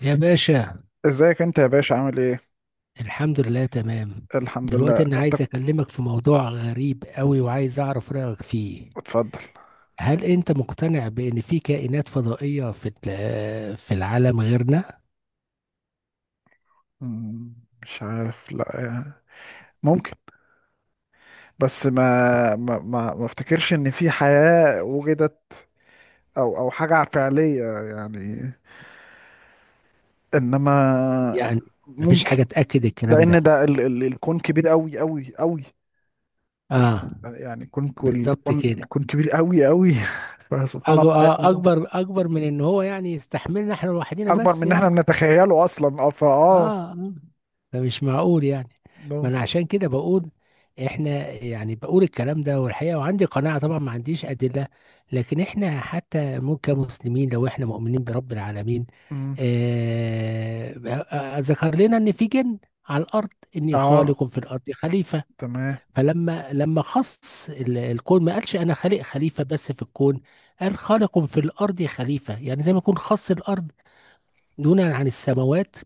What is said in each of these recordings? يا باشا، ازيك انت يا باشا، عامل ايه؟ الحمد لله تمام. الحمد دلوقتي لله. انا انت؟ عايز اكلمك في موضوع غريب قوي وعايز اعرف رأيك فيه. اتفضل. هل انت مقتنع بان في كائنات فضائية في العالم غيرنا؟ مم. مش عارف، لا يعني. ممكن. بس ما... ما افتكرش ان في حياة وجدت، او حاجة فعلية يعني. انما يعني مفيش ممكن. حاجة تأكد الكلام لان ده؟ ده ال الكون كبير قوي قوي قوي. اه، يعني الكون كل- بالظبط الكون كده. الكون كبير قوي قوي. فسبحان الله، يعني ممكن. اكبر من ان هو يعني يستحملنا احنا لوحدينا اكبر من بس ان احنا يعني. بنتخيله اصلا. اه اه، فاه آه. ده مش معقول يعني. ما انا ممكن عشان كده بقول، احنا يعني بقول الكلام ده والحقيقه، وعندي قناعه طبعا ما عنديش ادله. لكن احنا حتى مو كمسلمين، لو احنا مؤمنين برب العالمين. مم. آه، ذكر لنا ان في جن على الارض، اني اه، خالق في الارض خليفه. تمام. فلما خص الكون، ما قالش انا خالق خليفه بس في الكون. قال خالق في الارض خليفه، يعني زي ما يكون خص الارض دونا عن السماوات،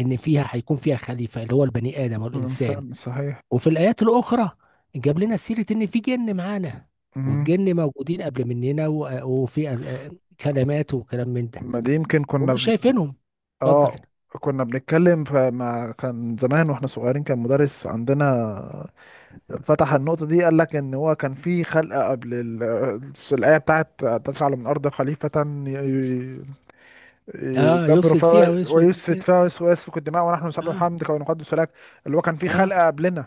ان فيها هيكون فيها خليفه اللي هو البني ادم والانسان. الإنسان، صحيح. وفي الايات الاخرى جاب لنا سيره ان في جن معانا. مم. والجن موجودين قبل مننا و- وفي كلمات وكلام من ده. ما دي يمكن كنا ومش بن... شايفينهم. اتفضل. اه، كنا بنتكلم، فما كان زمان واحنا صغيرين كان مدرس عندنا فتح النقطة دي، قال لك ان هو كان في خلقة قبل ال... الآية بتاعت تجعل من الأرض خليفة. ي- ي- اه، يدبر يفسد فيها فيها ويسفك ويسفك فيها. فيها، ويسفك الدماء ونحن نسبح اه، حمدك ونقدس لك. اللي هو كان في اه، خلقة قبلنا.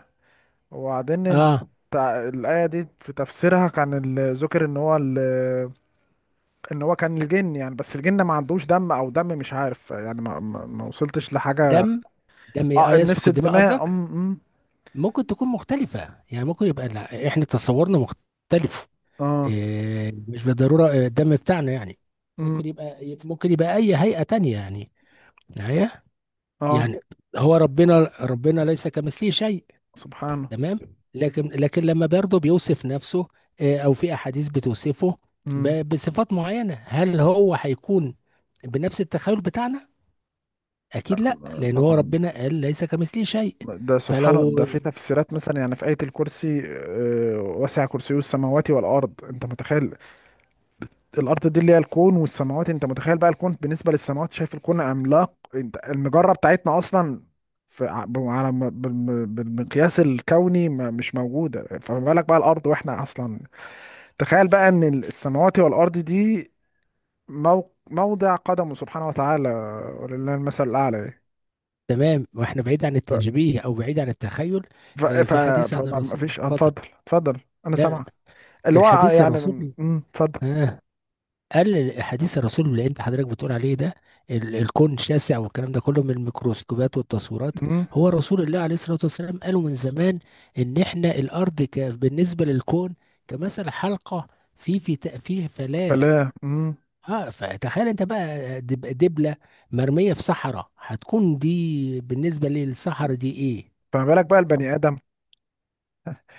وبعدين اه، الآية دي في تفسيرها كان ذكر ان هو ال... ان هو كان الجن يعني، بس الجن ما عندوش دم او دم، مش عارف يعني. ما وصلتش لحاجه. دم. دم إيه؟ اه، اه، النفس، يسفك الدماء الدماء. قصدك. ام ام ممكن تكون مختلفه يعني، ممكن يبقى، لا، احنا تصورنا مختلف. اه إيه، مش بالضروره الدم بتاعنا يعني. ام ممكن يبقى اي هيئه تانية يعني، معايا اه يعني. هو ربنا ليس كمثله شيء. سبحانه تمام. لكن لما برضه بيوصف نفسه، او في احاديث بتوصفه امم، بصفات معينه، هل هو هيكون بنفس التخيل بتاعنا؟ اكيد لا، لان هو طبعا. ربنا قال ليس كمثله شيء. ده سبحانه، فلو. ده في تفسيرات مثلا. يعني في آية الكرسي، وسع كرسيه السماوات والأرض. أنت متخيل الارض دي اللي هي الكون والسماوات؟ انت متخيل بقى الكون بالنسبه للسماوات؟ شايف الكون عملاق، انت المجره بتاعتنا اصلا في بالمقياس الكوني مش موجوده، فما بالك بقى الارض واحنا اصلا. تخيل بقى ان السماوات والارض دي مو... موضع قدمه سبحانه وتعالى، ولله المثل الاعلى يعني. تمام، واحنا بعيد عن ف... التشبيه او بعيد عن التخيل. ف... ف... في حديث عن فما ما الرسول، فيش اتفضل. اتفضل اتفضل، انا لا. سامعك. اللي هو الحديث يعني، الرسول. اتفضل. آه. قال حديث الرسول اللي انت حضرتك بتقول عليه ده، الكون شاسع، والكلام ده كله من الميكروسكوبات والتصويرات. امم. هو رسول الله عليه الصلاة والسلام قالوا من زمان ان احنا الارض بالنسبة للكون كمثل حلقة في فلاة. فلا. امم. اه، فتخيل انت بقى دبلة مرمية في صحراء، هتكون دي بالنسبة للصحراء دي ايه؟ فما بالك بقى البني ادم،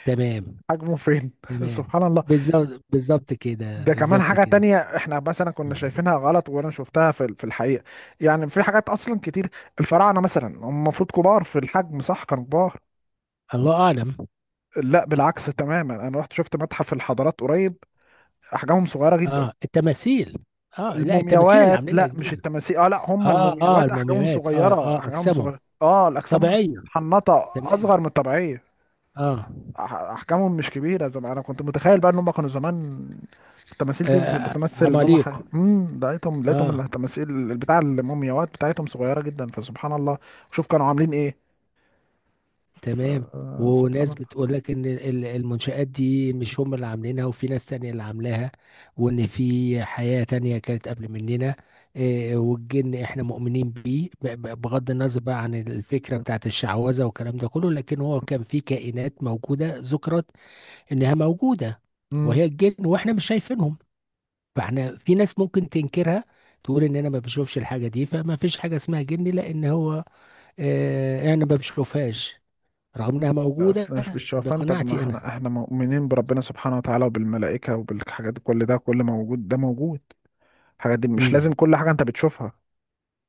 تمام، حجمه فين؟ تمام، سبحان الله. بالظبط، بالظبط كده، ده كمان بالظبط حاجة كده. تانية احنا مثلا كنا مم. شايفينها غلط، وانا شفتها في في الحقيقة. يعني في حاجات اصلا كتير. الفراعنة مثلا هم المفروض كبار في الحجم، صح؟ كانوا كبار. الله اعلم. لا، بالعكس تماما. انا رحت شفت متحف الحضارات قريب، احجامهم صغيرة جدا. اه، التماثيل. اه، لا، التماثيل اللي المومياوات، عاملينها لا مش كبيره. التماثيل. اه، لا، هم اه، اه، المومياوات احجامهم المومياوات، اه، صغيرة، اه، احجامهم اجسامهم صغيرة اه. الاجسام طبيعيه. محنطة تمام. اصغر من الطبيعية. اه, احجامهم مش كبيره زي ما انا كنت متخيل، بقى ان هم كانوا زمان التماثيل دي بتمثل ان هم ح... عماليق. امم، لقيتهم اه. التماثيل البتاع المومياوات بتاعتهم صغيره جدا. فسبحان الله، شوف كانوا عاملين ايه. تمام. سبحان وناس الله. بتقول لك ان المنشآت دي مش هم اللي عاملينها، وفي ناس تانية اللي عاملاها. وان في حياة تانية كانت قبل مننا. آه، والجن احنا مؤمنين بيه، بغض النظر بقى عن الفكرة بتاعت الشعوذة والكلام ده كله، لكن هو كان في كائنات موجودة ذكرت انها موجوده، امم. وهي الجن، واحنا مش شايفينهم. فاحنا في ناس ممكن تنكرها، تقول ان انا ما بشوفش الحاجه دي فما فيش حاجه اسمها جن، لان هو انا ما بشوفهاش رغم انها لا، موجوده. اصل مش بالشوفان. طب ما بقناعتي احنا، انا. احنا مؤمنين بربنا سبحانه وتعالى، وبالملائكه، وبالحاجات دي. كل ده كل موجود، ده موجود. الحاجات دي مش لازم امم كل حاجه انت بتشوفها.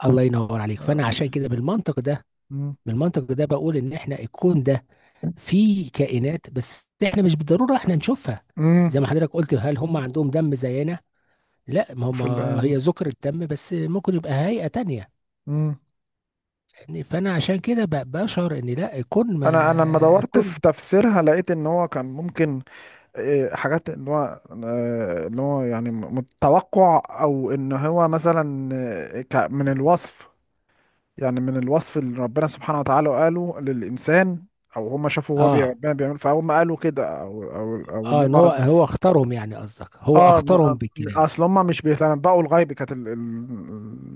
الله ينور عليك. آه، فانا عشان مش كده، بالمنطق ده امم. بالمنطق ده بقول ان احنا الكون ده فيه كائنات، بس احنا مش بالضروره احنا نشوفها. امم. زي ما حضرتك قلت، هل هم عندهم دم زينا؟ لا، ما هم. في هي ال... ذكر الدم، بس ممكن يبقى هيئه تانية امم، يعني. فانا عشان كده بشعر ان لا يكون ما انا لما دورت يكون. في تفسيرها لقيت ان هو كان ممكن، حاجات ان هو، ان هو يعني متوقع، او ان هو مثلا، من الوصف. يعني من الوصف اللي ربنا سبحانه وتعالى قاله للانسان، او هم شافوا هو اه، ربنا بيعمل فهم قالوا كده، او ان اه، ان هو هم هو اختارهم يعني، قصدك هو اه م- اختارهم آه، بالكلام. اصل هم مش بيتنبؤوا الغيب. كانت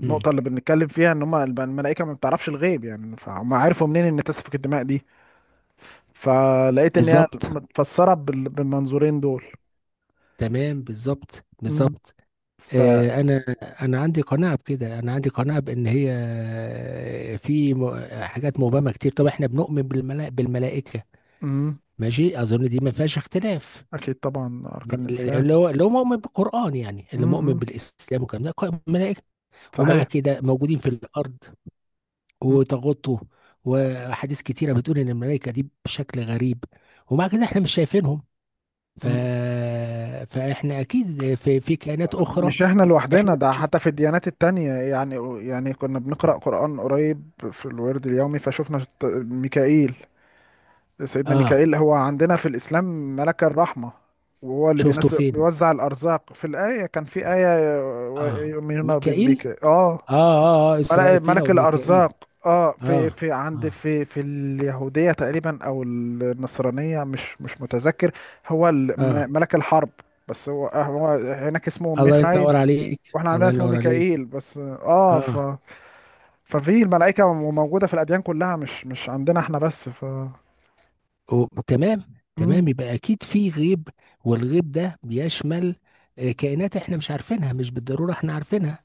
مم. اللي بنتكلم فيها ان هم الملائكه ما بتعرفش الغيب يعني، فهم عرفوا منين ان تسفك الدماء دي؟ فلقيت ان هي بالظبط، متفسره بالمنظورين دول. تمام، بالظبط، مم. بالظبط. ف... آه انا انا عندي قناعه بكده، انا عندي قناعه بان هي، حاجات مبهمه كتير. طب احنا بنؤمن بالملائكه. مم. ماشي، اظن دي ما فيهاش اختلاف. اكيد طبعا، من اركان الاسلام. اللي هو مؤمن بالقران، يعني اللي مؤمن مم. بالاسلام والكلام ده. ملائكه. ومع صحيح. كده موجودين في الارض، مم. وتغطه. وأحاديث كتيرة بتقول إن الملائكة دي بشكل غريب، ومع كده إحنا مش شايفينهم. ف... مم. فإحنا أكيد في كائنات أخرى. مش احنا إحنا لوحدنا، ده بنشوف. حتى في الديانات التانية يعني. يعني كنا بنقرأ قرآن قريب في الورد اليومي، فشفنا ميكائيل سيدنا آه، ميكائيل هو عندنا في الإسلام ملك الرحمة، وهو اللي شفته بينزل فين؟ بيوزع الأرزاق. في الآية كان في آية آه، يؤمنون ميكائيل؟ بميكائيل اه. آه، آه، آه، ملك إسرائيل ملك أو ميكائيل. الأرزاق اه. في آه، في عند، آه، في في اليهودية تقريبا أو النصرانية، مش مش متذكر، هو آه، ملك الحرب. بس هو هو هناك اسمه الله ميخائيل، ينور عليك، واحنا عندنا الله اسمه ينور عليك. ميكائيل بس. اه ف، آه ففي الملائكة موجودة في الأديان كلها، مش مش عندنا احنا بس. ف... تمام. مم. تمام، يبقى أكيد في غيب. والغيب ده بيشمل كائنات إحنا مش عارفينها، مش بالضرورة إحنا عارفينها.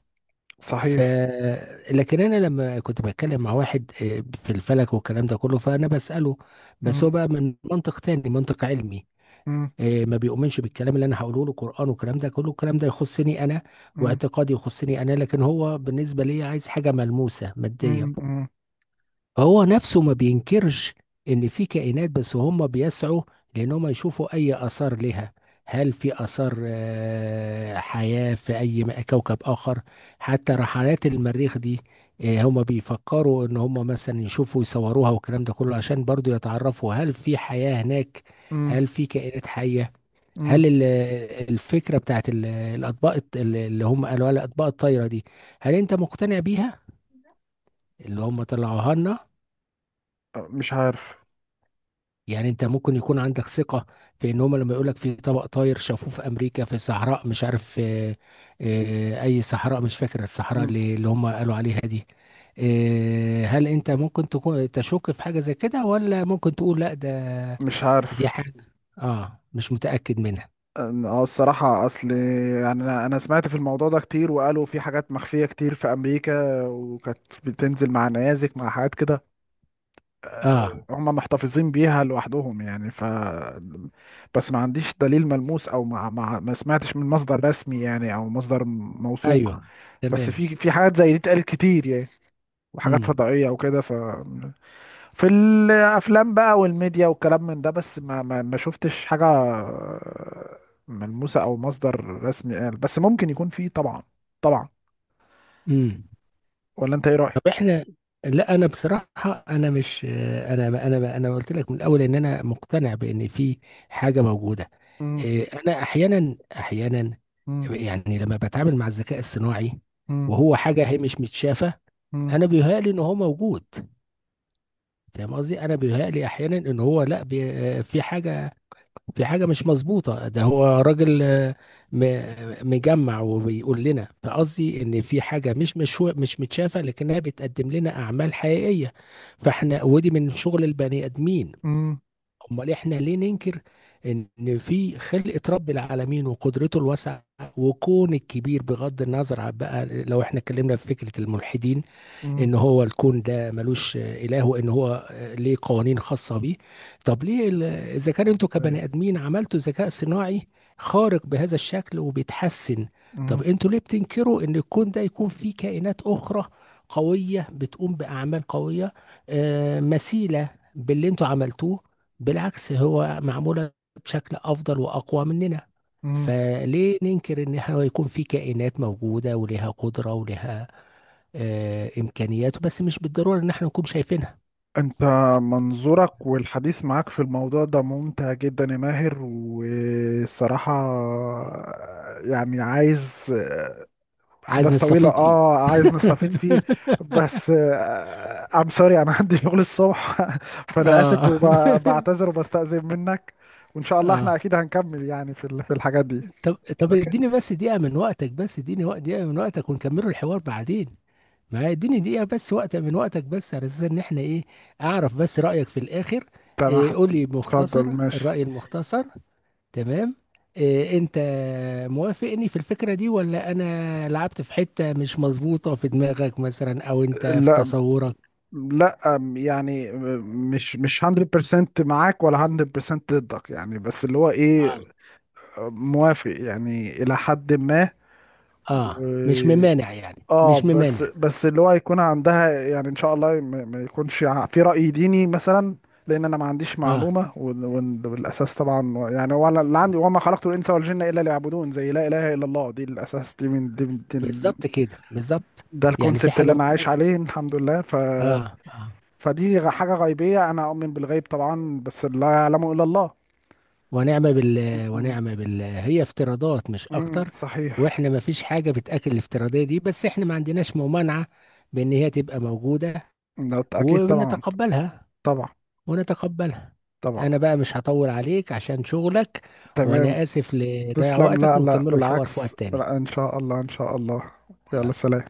ف صحيح. لكن انا لما كنت بتكلم مع واحد في الفلك والكلام ده كله، فانا بساله. بس هو مم. بقى من منطق تاني، منطق علمي. مم. ما بيؤمنش بالكلام اللي انا هقوله له، قران والكلام ده كله، الكلام ده يخصني انا. مم. واعتقادي يخصني انا، لكن هو بالنسبه لي عايز حاجه ملموسه ماديه. مم. مم. فهو نفسه ما بينكرش ان في كائنات، بس هم بيسعوا لانهم يشوفوا اي اثار لها. هل في اثار حياة في اي كوكب اخر؟ حتى رحلات المريخ دي، هم بيفكروا ان هم مثلا يشوفوا يصوروها والكلام ده كله، عشان برضو يتعرفوا هل في حياة هناك. مم. هل في كائنات حية؟ مم. هل الفكرة بتاعت الأطباق، اللي هم قالوا لها الأطباق الطايرة دي، هل أنت مقتنع بيها، اللي هم طلعوها لنا؟ مش عارف. يعني انت ممكن يكون عندك ثقة في ان هم لما يقولك في طبق طاير شافوه في امريكا في الصحراء، مش عارف، اه. اه، اي صحراء، مش فاكر الصحراء مم. اللي هم قالوا عليها دي. اه، هل انت ممكن تكون تشك في حاجة زي كده، ولا ممكن تقول لا، ده مش دي عارف. حاجة، اه، مش متأكد منها؟ الصراحة أصل يعني أنا سمعت في الموضوع ده كتير، وقالوا في حاجات مخفية كتير في أمريكا، وكانت بتنزل مع نيازك مع حاجات كده، اه، هم محتفظين بيها لوحدهم يعني. ف... بس ما عنديش دليل ملموس، أو ما سمعتش من مصدر رسمي يعني، أو مصدر موثوق ايوه، بس تمام. في في حاجات زي دي اتقالت كتير يعني، وحاجات امم فضائية وكده، فمش... في الافلام بقى والميديا والكلام من ده، بس ما شفتش حاجه ملموسه او مصدر رسمي قال. بس ممكن يكون فيه طبعا، طبعا. امم ولا انت ايه رايك؟ طب احنا، لا، انا بصراحه. انا مش آه، انا انا انا قلت لك من الاول ان انا مقتنع بان في حاجه موجوده. مم. إيه، انا احيانا، احيانا، مم. يعني لما بتعامل مع الذكاء الصناعي، مم. وهو حاجه هي مش متشافه، مم. انا بيهيألي ان هو موجود. فاهم قصدي؟ انا بيهيألي احيانا ان هو، لا، بي آه، في حاجه مش مظبوطه، ده هو راجل، مجمع وبيقول لنا، فقصدي ان في حاجه مش متشافه لكنها بتقدم لنا اعمال حقيقيه. فاحنا، ودي من شغل البني ادمين. مم. امال احنا ليه ننكر ان في خلقة رب العالمين وقدرته الواسعة وكون الكبير، بغض النظر عن بقى، لو احنا اتكلمنا في فكرة الملحدين مم. ان هو الكون ده ملوش اله وان هو ليه قوانين خاصه بيه. طب ليه اذا كان انتوا إيه. كبني ادمين عملتوا ذكاء صناعي خارق بهذا الشكل وبيتحسن، طب مم. انتوا ليه بتنكروا ان الكون ده يكون فيه كائنات اخرى قويه بتقوم باعمال قويه مثيله باللي انتوا عملتوه؟ بالعكس هو معموله بشكل افضل واقوى مننا. مم. فليه ننكر ان احنا يكون في كائنات موجوده ولها قدره ولها امكانياته، بس مش بالضروره ان احنا نكون شايفينها. انت منظورك والحديث معاك في الموضوع ده ممتع جدا يا ماهر، والصراحه يعني عايز عايز احداث طويله نستفيد فيه. اه، عايز نستفيد فيه. بس سوري، انا عندي شغل الصبح فانا اسف اه. وبعتذر وبستأذن منك. وان شاء الله احنا اه. اكيد هنكمل يعني في في الحاجات دي. طب طب اوكي. اديني بس دقيقه من وقتك، بس اديني وقت دقيقه من وقتك ونكملوا الحوار بعدين. ما اديني دقيقه بس وقت من وقتك، بس على اساس ان احنا ايه، اعرف بس رايك في الاخر. تمام. إيه، قول لي اتفضل، مختصر. ماشي. الراي المختصر. تمام. إيه، انت موافقني في الفكره دي، ولا انا لعبت في حته مش مظبوطه في دماغك مثلا، او انت في لا تصورك؟ لا، يعني مش 100% معاك ولا 100% ضدك يعني. بس اللي هو ايه، موافق يعني الى حد اه، مش ما. ممانع يعني، اه، مش بس ممانع. بس اللي هو يكون عندها يعني ان شاء الله ما يكونش في رأي ديني مثلا. لان انا ما عنديش اه، معلومة، والاساس طبعا يعني، هو أنا اللي عندي، وما خلقت الانس والجن الا ليعبدون، زي لا اله الا الله. دي الاساس، دي دي ال... بالظبط كده، بالظبط. ده يعني في الكونسبت اللي حاجة انا عايش موجودة. عليه، الحمد لله. ف... اه، اه. فدي حاجة غيبية، انا اؤمن بالغيب طبعا، بس لا يعلمه الا الله. ونعم بالله، ونعم بالله، هي افتراضات مش امم، اكتر. صحيح. واحنا ما فيش حاجة بتأكل الافتراضية دي، بس احنا ما عندناش ممانعة بان هي تبقى موجودة. ده اكيد طبعا. ونتقبلها، طبعا. ونتقبلها. طبعا. انا بقى مش هطول عليك عشان شغلك. تمام. وانا اسف لضيع تسلم. وقتك، لا لا، ونكملوا الحوار في بالعكس، وقت تاني. لا، ان شاء الله، ان شاء الله. يلا، يلا. سلام.